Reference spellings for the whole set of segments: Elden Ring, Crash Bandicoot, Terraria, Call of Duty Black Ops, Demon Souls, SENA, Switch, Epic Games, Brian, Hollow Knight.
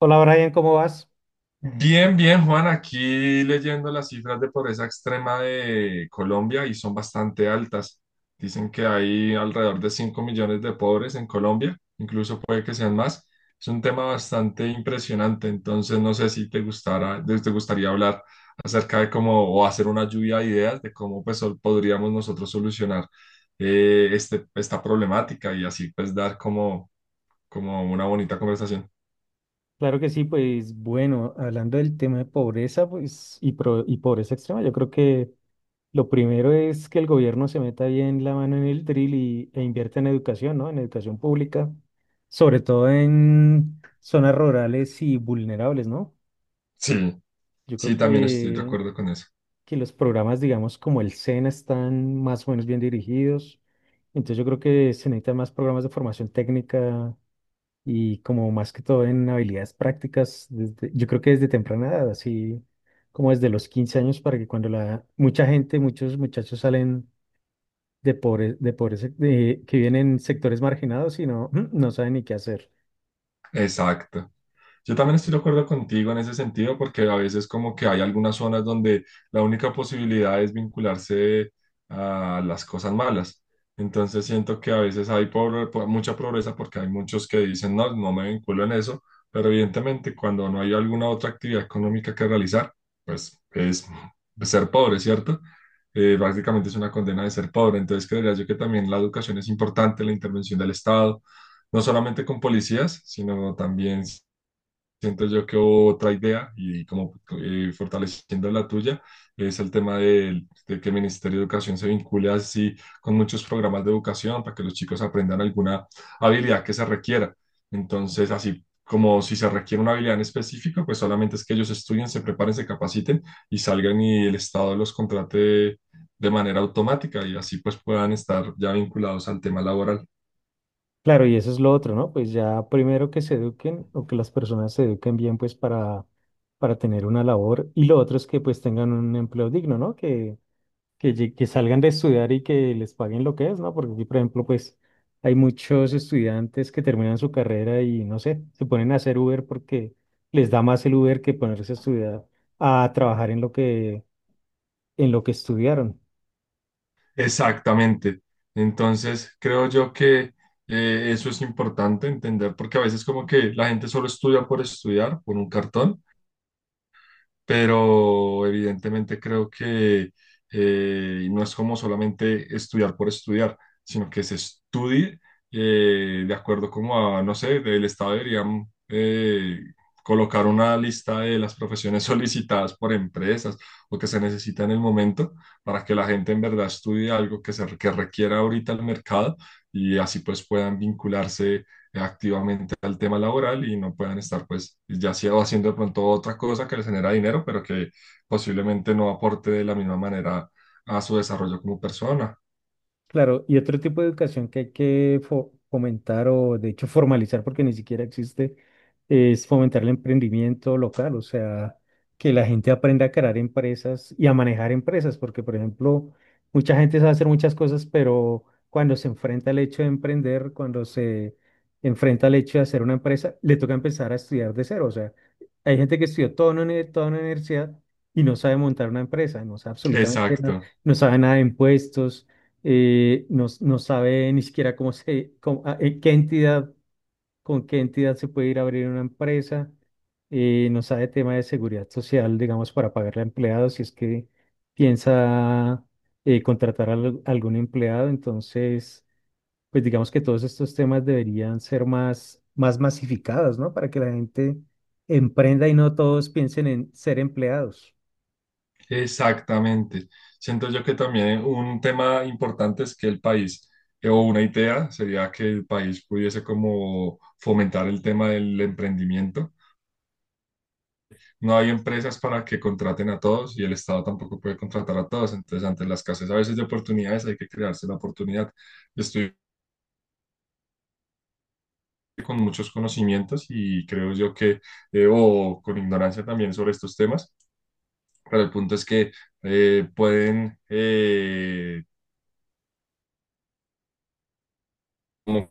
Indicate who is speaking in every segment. Speaker 1: Hola Brian, ¿cómo vas?
Speaker 2: Bien, bien, Juan, aquí leyendo las cifras de pobreza extrema de Colombia y son bastante altas. Dicen que hay alrededor de 5 millones de pobres en Colombia, incluso puede que sean más. Es un tema bastante impresionante, entonces no sé si te gustara, te gustaría hablar acerca de cómo o hacer una lluvia de ideas de cómo pues podríamos nosotros solucionar esta problemática y así pues dar como una bonita conversación.
Speaker 1: Claro que sí, pues bueno, hablando del tema de pobreza pues, y, pobreza extrema, yo creo que lo primero es que el gobierno se meta bien la mano en el drill y, e invierta en educación, ¿no? En educación pública, sobre todo en zonas rurales y vulnerables, ¿no?
Speaker 2: Sí,
Speaker 1: Yo
Speaker 2: sí,
Speaker 1: creo
Speaker 2: también estoy de acuerdo con eso.
Speaker 1: que los programas, digamos, como el SENA están más o menos bien dirigidos. Entonces yo creo que se necesitan más programas de formación técnica y como más que todo en habilidades prácticas, yo creo que desde temprana edad, así como desde los 15 años, para que cuando la mucha gente, muchos muchachos salen de pobres, que vienen en sectores marginados y no, no saben ni qué hacer.
Speaker 2: Exacto. Yo también estoy de acuerdo contigo en ese sentido, porque a veces como que hay algunas zonas donde la única posibilidad es vincularse a las cosas malas. Entonces siento que a veces hay mucha pobreza porque hay muchos que dicen, no, no me vinculo en eso, pero evidentemente cuando no hay alguna otra actividad económica que realizar, pues es ser pobre, ¿cierto? Prácticamente es una condena de ser pobre. Entonces creería yo que también la educación es importante, la intervención del Estado no solamente con policías, sino también siento yo que otra idea y como fortaleciendo la tuya es el tema de, que el Ministerio de Educación se vincule así con muchos programas de educación para que los chicos aprendan alguna habilidad que se requiera. Entonces, así como si se requiere una habilidad en específico, pues solamente es que ellos estudien, se preparen, se capaciten y salgan y el Estado los contrate de manera automática y así pues puedan estar ya vinculados al tema laboral.
Speaker 1: Claro, y eso es lo otro, ¿no? Pues ya primero que se eduquen o que las personas se eduquen bien, pues para tener una labor. Y lo otro es que pues tengan un empleo digno, ¿no? Que que salgan de estudiar y que les paguen lo que es, ¿no? Porque aquí, por ejemplo, pues hay muchos estudiantes que terminan su carrera y, no sé, se ponen a hacer Uber porque les da más el Uber que ponerse a estudiar, a trabajar en lo que estudiaron.
Speaker 2: Exactamente. Entonces, creo yo que eso es importante entender, porque a veces como que la gente solo estudia por estudiar, por un cartón, pero evidentemente creo que no es como solamente estudiar por estudiar, sino que se estudie de acuerdo como a, no sé, del Estado deberían colocar una lista de las profesiones solicitadas por empresas o que se necesita en el momento para que la gente en verdad estudie algo que requiera ahorita el mercado y así pues puedan vincularse activamente al tema laboral y no puedan estar pues ya sea haciendo de pronto otra cosa que les genera dinero, pero que posiblemente no aporte de la misma manera a su desarrollo como persona.
Speaker 1: Claro, y otro tipo de educación que hay que fomentar o de hecho formalizar porque ni siquiera existe es fomentar el emprendimiento local, o sea, que la gente aprenda a crear empresas y a manejar empresas, porque por ejemplo, mucha gente sabe hacer muchas cosas, pero cuando se enfrenta al hecho de emprender, cuando se enfrenta al hecho de hacer una empresa, le toca empezar a estudiar de cero. O sea, hay gente que estudió toda una universidad y no sabe montar una empresa, no sabe absolutamente nada,
Speaker 2: Exacto,
Speaker 1: no sabe nada de impuestos. No sabe ni siquiera cómo se, cómo- a- qué entidad, con qué entidad se puede ir a abrir una empresa. No sabe tema de seguridad social, digamos, para pagarle a empleados, si es que piensa contratar a algún empleado. Entonces, pues digamos que todos estos temas deberían ser más, más masificados, ¿no? Para que la gente emprenda y no todos piensen en ser empleados.
Speaker 2: exactamente. Siento yo que también un tema importante es que el país, o una idea sería que el país pudiese como fomentar el tema del emprendimiento no hay empresas para que contraten a todos y el Estado tampoco puede contratar a todos. Entonces, ante la escasez a veces de oportunidades, hay que crearse la oportunidad. Estoy con muchos conocimientos y creo yo que, o con ignorancia también sobre estos temas, pero el punto es que pueden como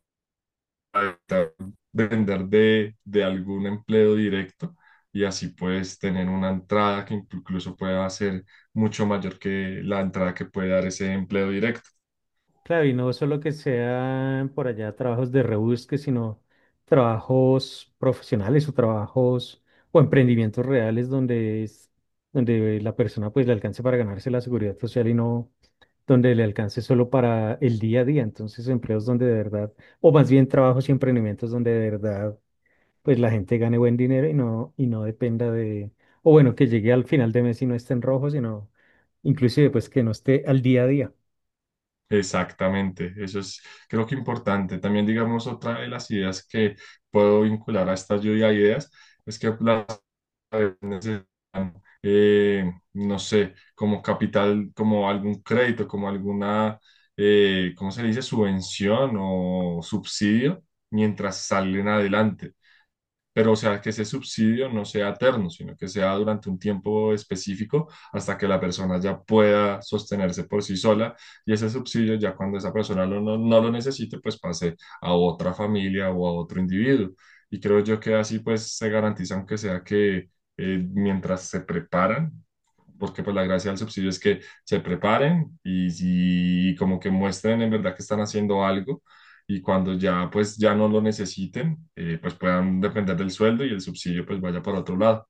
Speaker 2: evitar depender de algún empleo directo y así puedes tener una entrada que incluso pueda ser mucho mayor que la entrada que puede dar ese empleo directo.
Speaker 1: Claro, y no solo que sean por allá trabajos de rebusque, sino trabajos profesionales o trabajos o emprendimientos reales donde es, donde la persona pues le alcance para ganarse la seguridad social y no donde le alcance solo para el día a día. Entonces, empleos donde de verdad, o más bien trabajos y emprendimientos donde de verdad pues la gente gane buen dinero y no dependa de, o bueno, que llegue al final de mes y no esté en rojo, sino inclusive pues que no esté al día a día.
Speaker 2: Exactamente, eso es creo que importante. También digamos otra de las ideas que puedo vincular a esta lluvia de ideas es que las ciudades necesitan, no sé, como capital, como algún crédito, como alguna, ¿cómo se le dice? Subvención o subsidio mientras salen adelante pero o sea, que ese subsidio no sea eterno, sino que sea durante un tiempo específico hasta que la persona ya pueda sostenerse por sí sola y ese subsidio ya cuando esa persona no, no lo necesite, pues pase a otra familia o a otro individuo. Y creo yo que así pues se garantiza, aunque sea que mientras se preparan, porque pues la gracia del subsidio es que se preparen y como que muestren en verdad que están haciendo algo y cuando ya pues ya no lo necesiten, pues puedan depender del sueldo y el subsidio pues vaya para otro lado.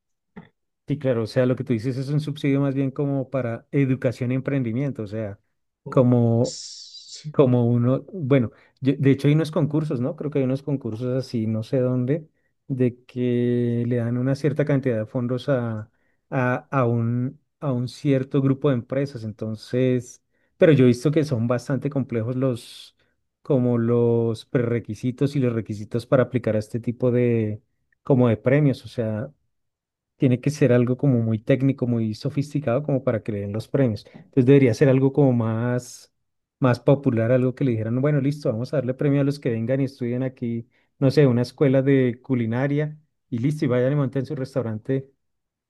Speaker 1: Sí, claro, o sea, lo que tú dices es un subsidio más bien como para educación y emprendimiento, o sea,
Speaker 2: O-
Speaker 1: como.
Speaker 2: sí,
Speaker 1: Como uno, bueno, de hecho hay unos concursos, ¿no? Creo que hay unos concursos así, no sé dónde, de que le dan una cierta cantidad de fondos a un cierto grupo de empresas. Entonces, pero yo he visto que son bastante complejos los, como los prerrequisitos y los requisitos para aplicar a este tipo de, como de premios. O sea, tiene que ser algo como muy técnico, muy sofisticado como para que le den los premios. Entonces debería ser algo como más, más popular, algo que le dijeran, bueno, listo, vamos a darle premio a los que vengan y estudien aquí, no sé, una escuela de culinaria y listo, y vayan y monten su restaurante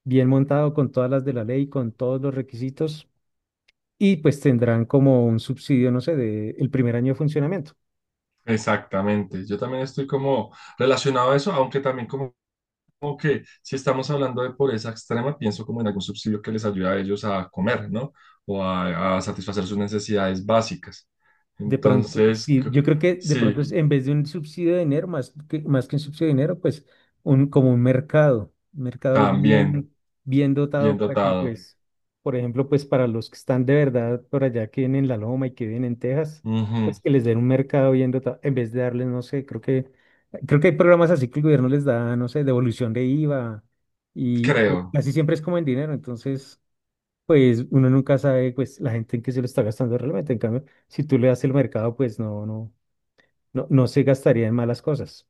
Speaker 1: bien montado con todas las de la ley, con todos los requisitos y pues tendrán como un subsidio, no sé, de el primer año de funcionamiento.
Speaker 2: exactamente. Yo también estoy como relacionado a eso, aunque también como que si estamos hablando de pobreza extrema, pienso como en algún subsidio que les ayude a ellos a comer, ¿no? O a satisfacer sus necesidades básicas.
Speaker 1: De pronto,
Speaker 2: Entonces,
Speaker 1: sí, yo creo que de pronto
Speaker 2: sí,
Speaker 1: es en vez de un subsidio de dinero, más que un subsidio de dinero, pues un, como un mercado
Speaker 2: también
Speaker 1: bien, bien
Speaker 2: bien
Speaker 1: dotado para que,
Speaker 2: dotado.
Speaker 1: pues, por ejemplo, pues para los que están de verdad por allá, que vienen en La Loma y que vienen en Texas,
Speaker 2: Ujú,
Speaker 1: pues que les den un mercado bien dotado, en vez de darles, no sé, creo que hay programas así que el gobierno les da, no sé, devolución de IVA, y pero
Speaker 2: creo.
Speaker 1: casi siempre es como en dinero, entonces pues uno nunca sabe pues la gente en qué se lo está gastando realmente. En cambio, si tú le das el mercado, pues no se gastaría en malas cosas.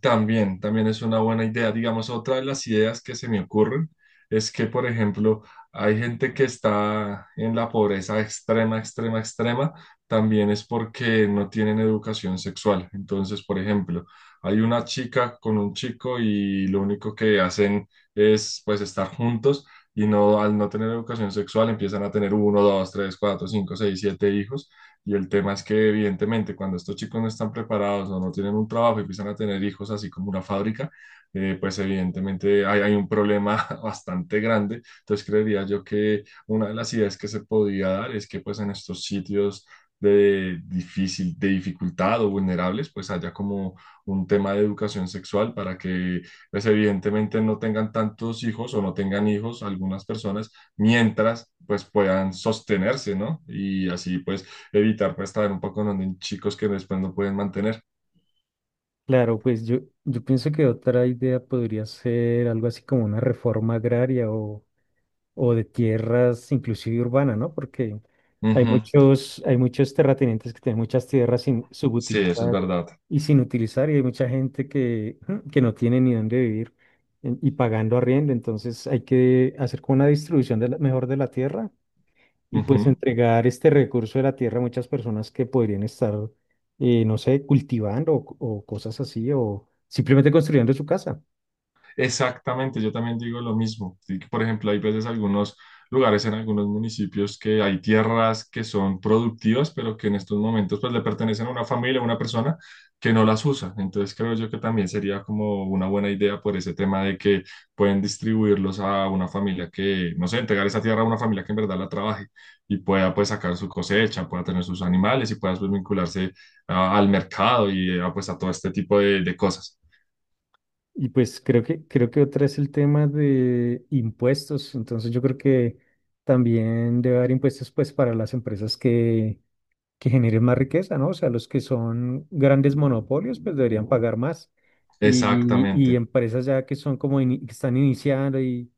Speaker 2: También, también es una buena idea. Digamos, otra de las ideas que se me ocurren es que, por ejemplo, hay gente que está en la pobreza extrema, extrema, extrema, también es porque no tienen educación sexual. Entonces, por ejemplo, hay una chica con un chico y lo único que hacen es, pues, estar juntos y no, al no tener educación sexual empiezan a tener uno, dos, tres, cuatro, cinco, seis, siete hijos y el tema es que evidentemente cuando estos chicos no están preparados o no tienen un trabajo y empiezan a tener hijos así como una fábrica, pues evidentemente hay un problema bastante grande. Entonces creería yo que una de las ideas que se podría dar es que pues en estos sitios de difícil, de dificultad o vulnerables, pues haya como un tema de educación sexual para que pues evidentemente no tengan tantos hijos o no tengan hijos algunas personas mientras pues puedan sostenerse, ¿no? Y así pues evitar pues estar un poco en donde chicos que después no pueden mantener.
Speaker 1: Claro, pues yo pienso que otra idea podría ser algo así como una reforma agraria o de tierras inclusive urbanas, ¿no? Porque
Speaker 2: Ujú,
Speaker 1: hay muchos terratenientes que tienen muchas tierras sin
Speaker 2: sí, eso es
Speaker 1: subutilizar
Speaker 2: verdad.
Speaker 1: y sin utilizar, y hay mucha gente que, que no tiene ni dónde vivir y pagando arriendo. Entonces hay que hacer como una distribución de mejor de la tierra y pues
Speaker 2: Ujú.
Speaker 1: entregar este recurso de la tierra a muchas personas que podrían estar, no sé, cultivando o cosas así, o simplemente construyendo su casa.
Speaker 2: Exactamente, yo también digo lo mismo. Sí, por ejemplo, hay veces algunos lugares en algunos municipios que hay tierras que son productivas, pero que en estos momentos pues le pertenecen a una familia, a una persona que no las usa. Entonces creo yo que también sería como una buena idea por ese tema de que pueden distribuirlos a una familia que, no sé, entregar esa tierra a una familia que en verdad la trabaje y pueda pues sacar su cosecha, pueda tener sus animales y pueda pues vincularse al mercado y pues a todo este tipo de cosas.
Speaker 1: Y pues creo que otra es el tema de impuestos. Entonces yo creo que también debe haber impuestos pues para las empresas que generen más riqueza, ¿no? O sea, los que son grandes monopolios, pues deberían pagar más. Y
Speaker 2: Exactamente.
Speaker 1: empresas ya que son como que están iniciando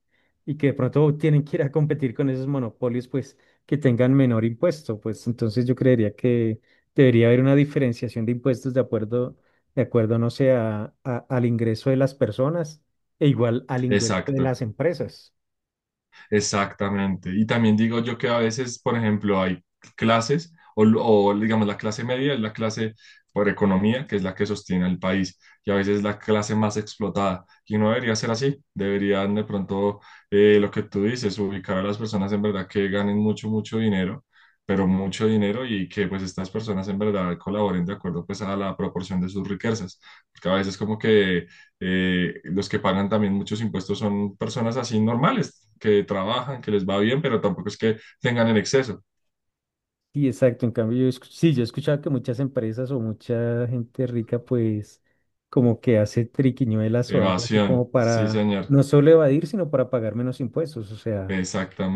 Speaker 1: y que de pronto tienen que ir a competir con esos monopolios, pues que tengan menor impuesto. Pues entonces yo creería que debería haber una diferenciación de impuestos de acuerdo, no sé, al ingreso de las personas e igual al ingreso de
Speaker 2: Exacto,
Speaker 1: las empresas.
Speaker 2: exactamente. Y también digo yo que a veces, por ejemplo, hay clases, digamos la clase media es la clase por economía, que es la que sostiene el país, y a veces es la clase más explotada. Y no debería ser así. Deberían de pronto, lo que tú dices, ubicar a las personas en verdad que ganen mucho, mucho dinero, pero mucho dinero y que pues estas personas en verdad colaboren de acuerdo pues a la proporción de sus riquezas. Porque a veces como que los que pagan también muchos impuestos son personas así normales, que trabajan, que les va bien, pero tampoco es que tengan en exceso.
Speaker 1: Sí, exacto. En cambio, sí, yo he escuchado que muchas empresas o mucha gente rica, pues, como que hace triquiñuelas o algo así
Speaker 2: Evasión,
Speaker 1: como
Speaker 2: sí,
Speaker 1: para
Speaker 2: señor.
Speaker 1: no solo evadir, sino para pagar menos impuestos. O sea,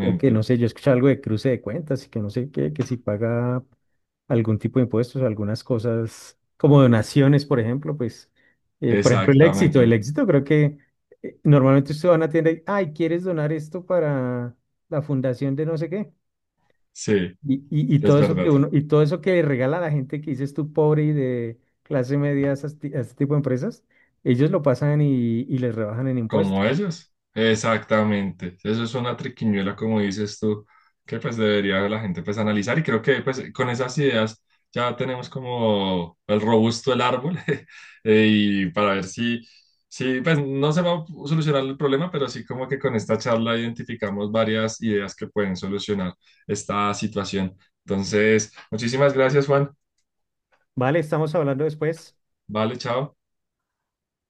Speaker 1: creo que no sé, yo he escuchado algo de cruce de cuentas y que no sé qué, que si paga algún tipo de impuestos, algunas cosas como donaciones, por ejemplo, pues, por ejemplo, el éxito. El
Speaker 2: exactamente.
Speaker 1: éxito creo que normalmente usted va a una tienda y, ay, ¿quieres donar esto para la fundación de no sé qué?
Speaker 2: Sí,
Speaker 1: Y
Speaker 2: es
Speaker 1: todo eso que
Speaker 2: verdad.
Speaker 1: uno, y todo eso que regala a la gente que dices tú pobre y de clase media a esas a ese tipo de empresas, ellos lo pasan y les rebajan en
Speaker 2: Como
Speaker 1: impuestos.
Speaker 2: ellos. Exactamente. Eso es una triquiñuela, como dices tú, que pues debería la gente pues analizar y creo que pues con esas ideas ya tenemos como el robusto el árbol y para ver si pues no se va a solucionar el problema, pero sí como que con esta charla identificamos varias ideas que pueden solucionar esta situación. Entonces, muchísimas gracias, Juan.
Speaker 1: Vale, estamos hablando después.
Speaker 2: Vale, chao.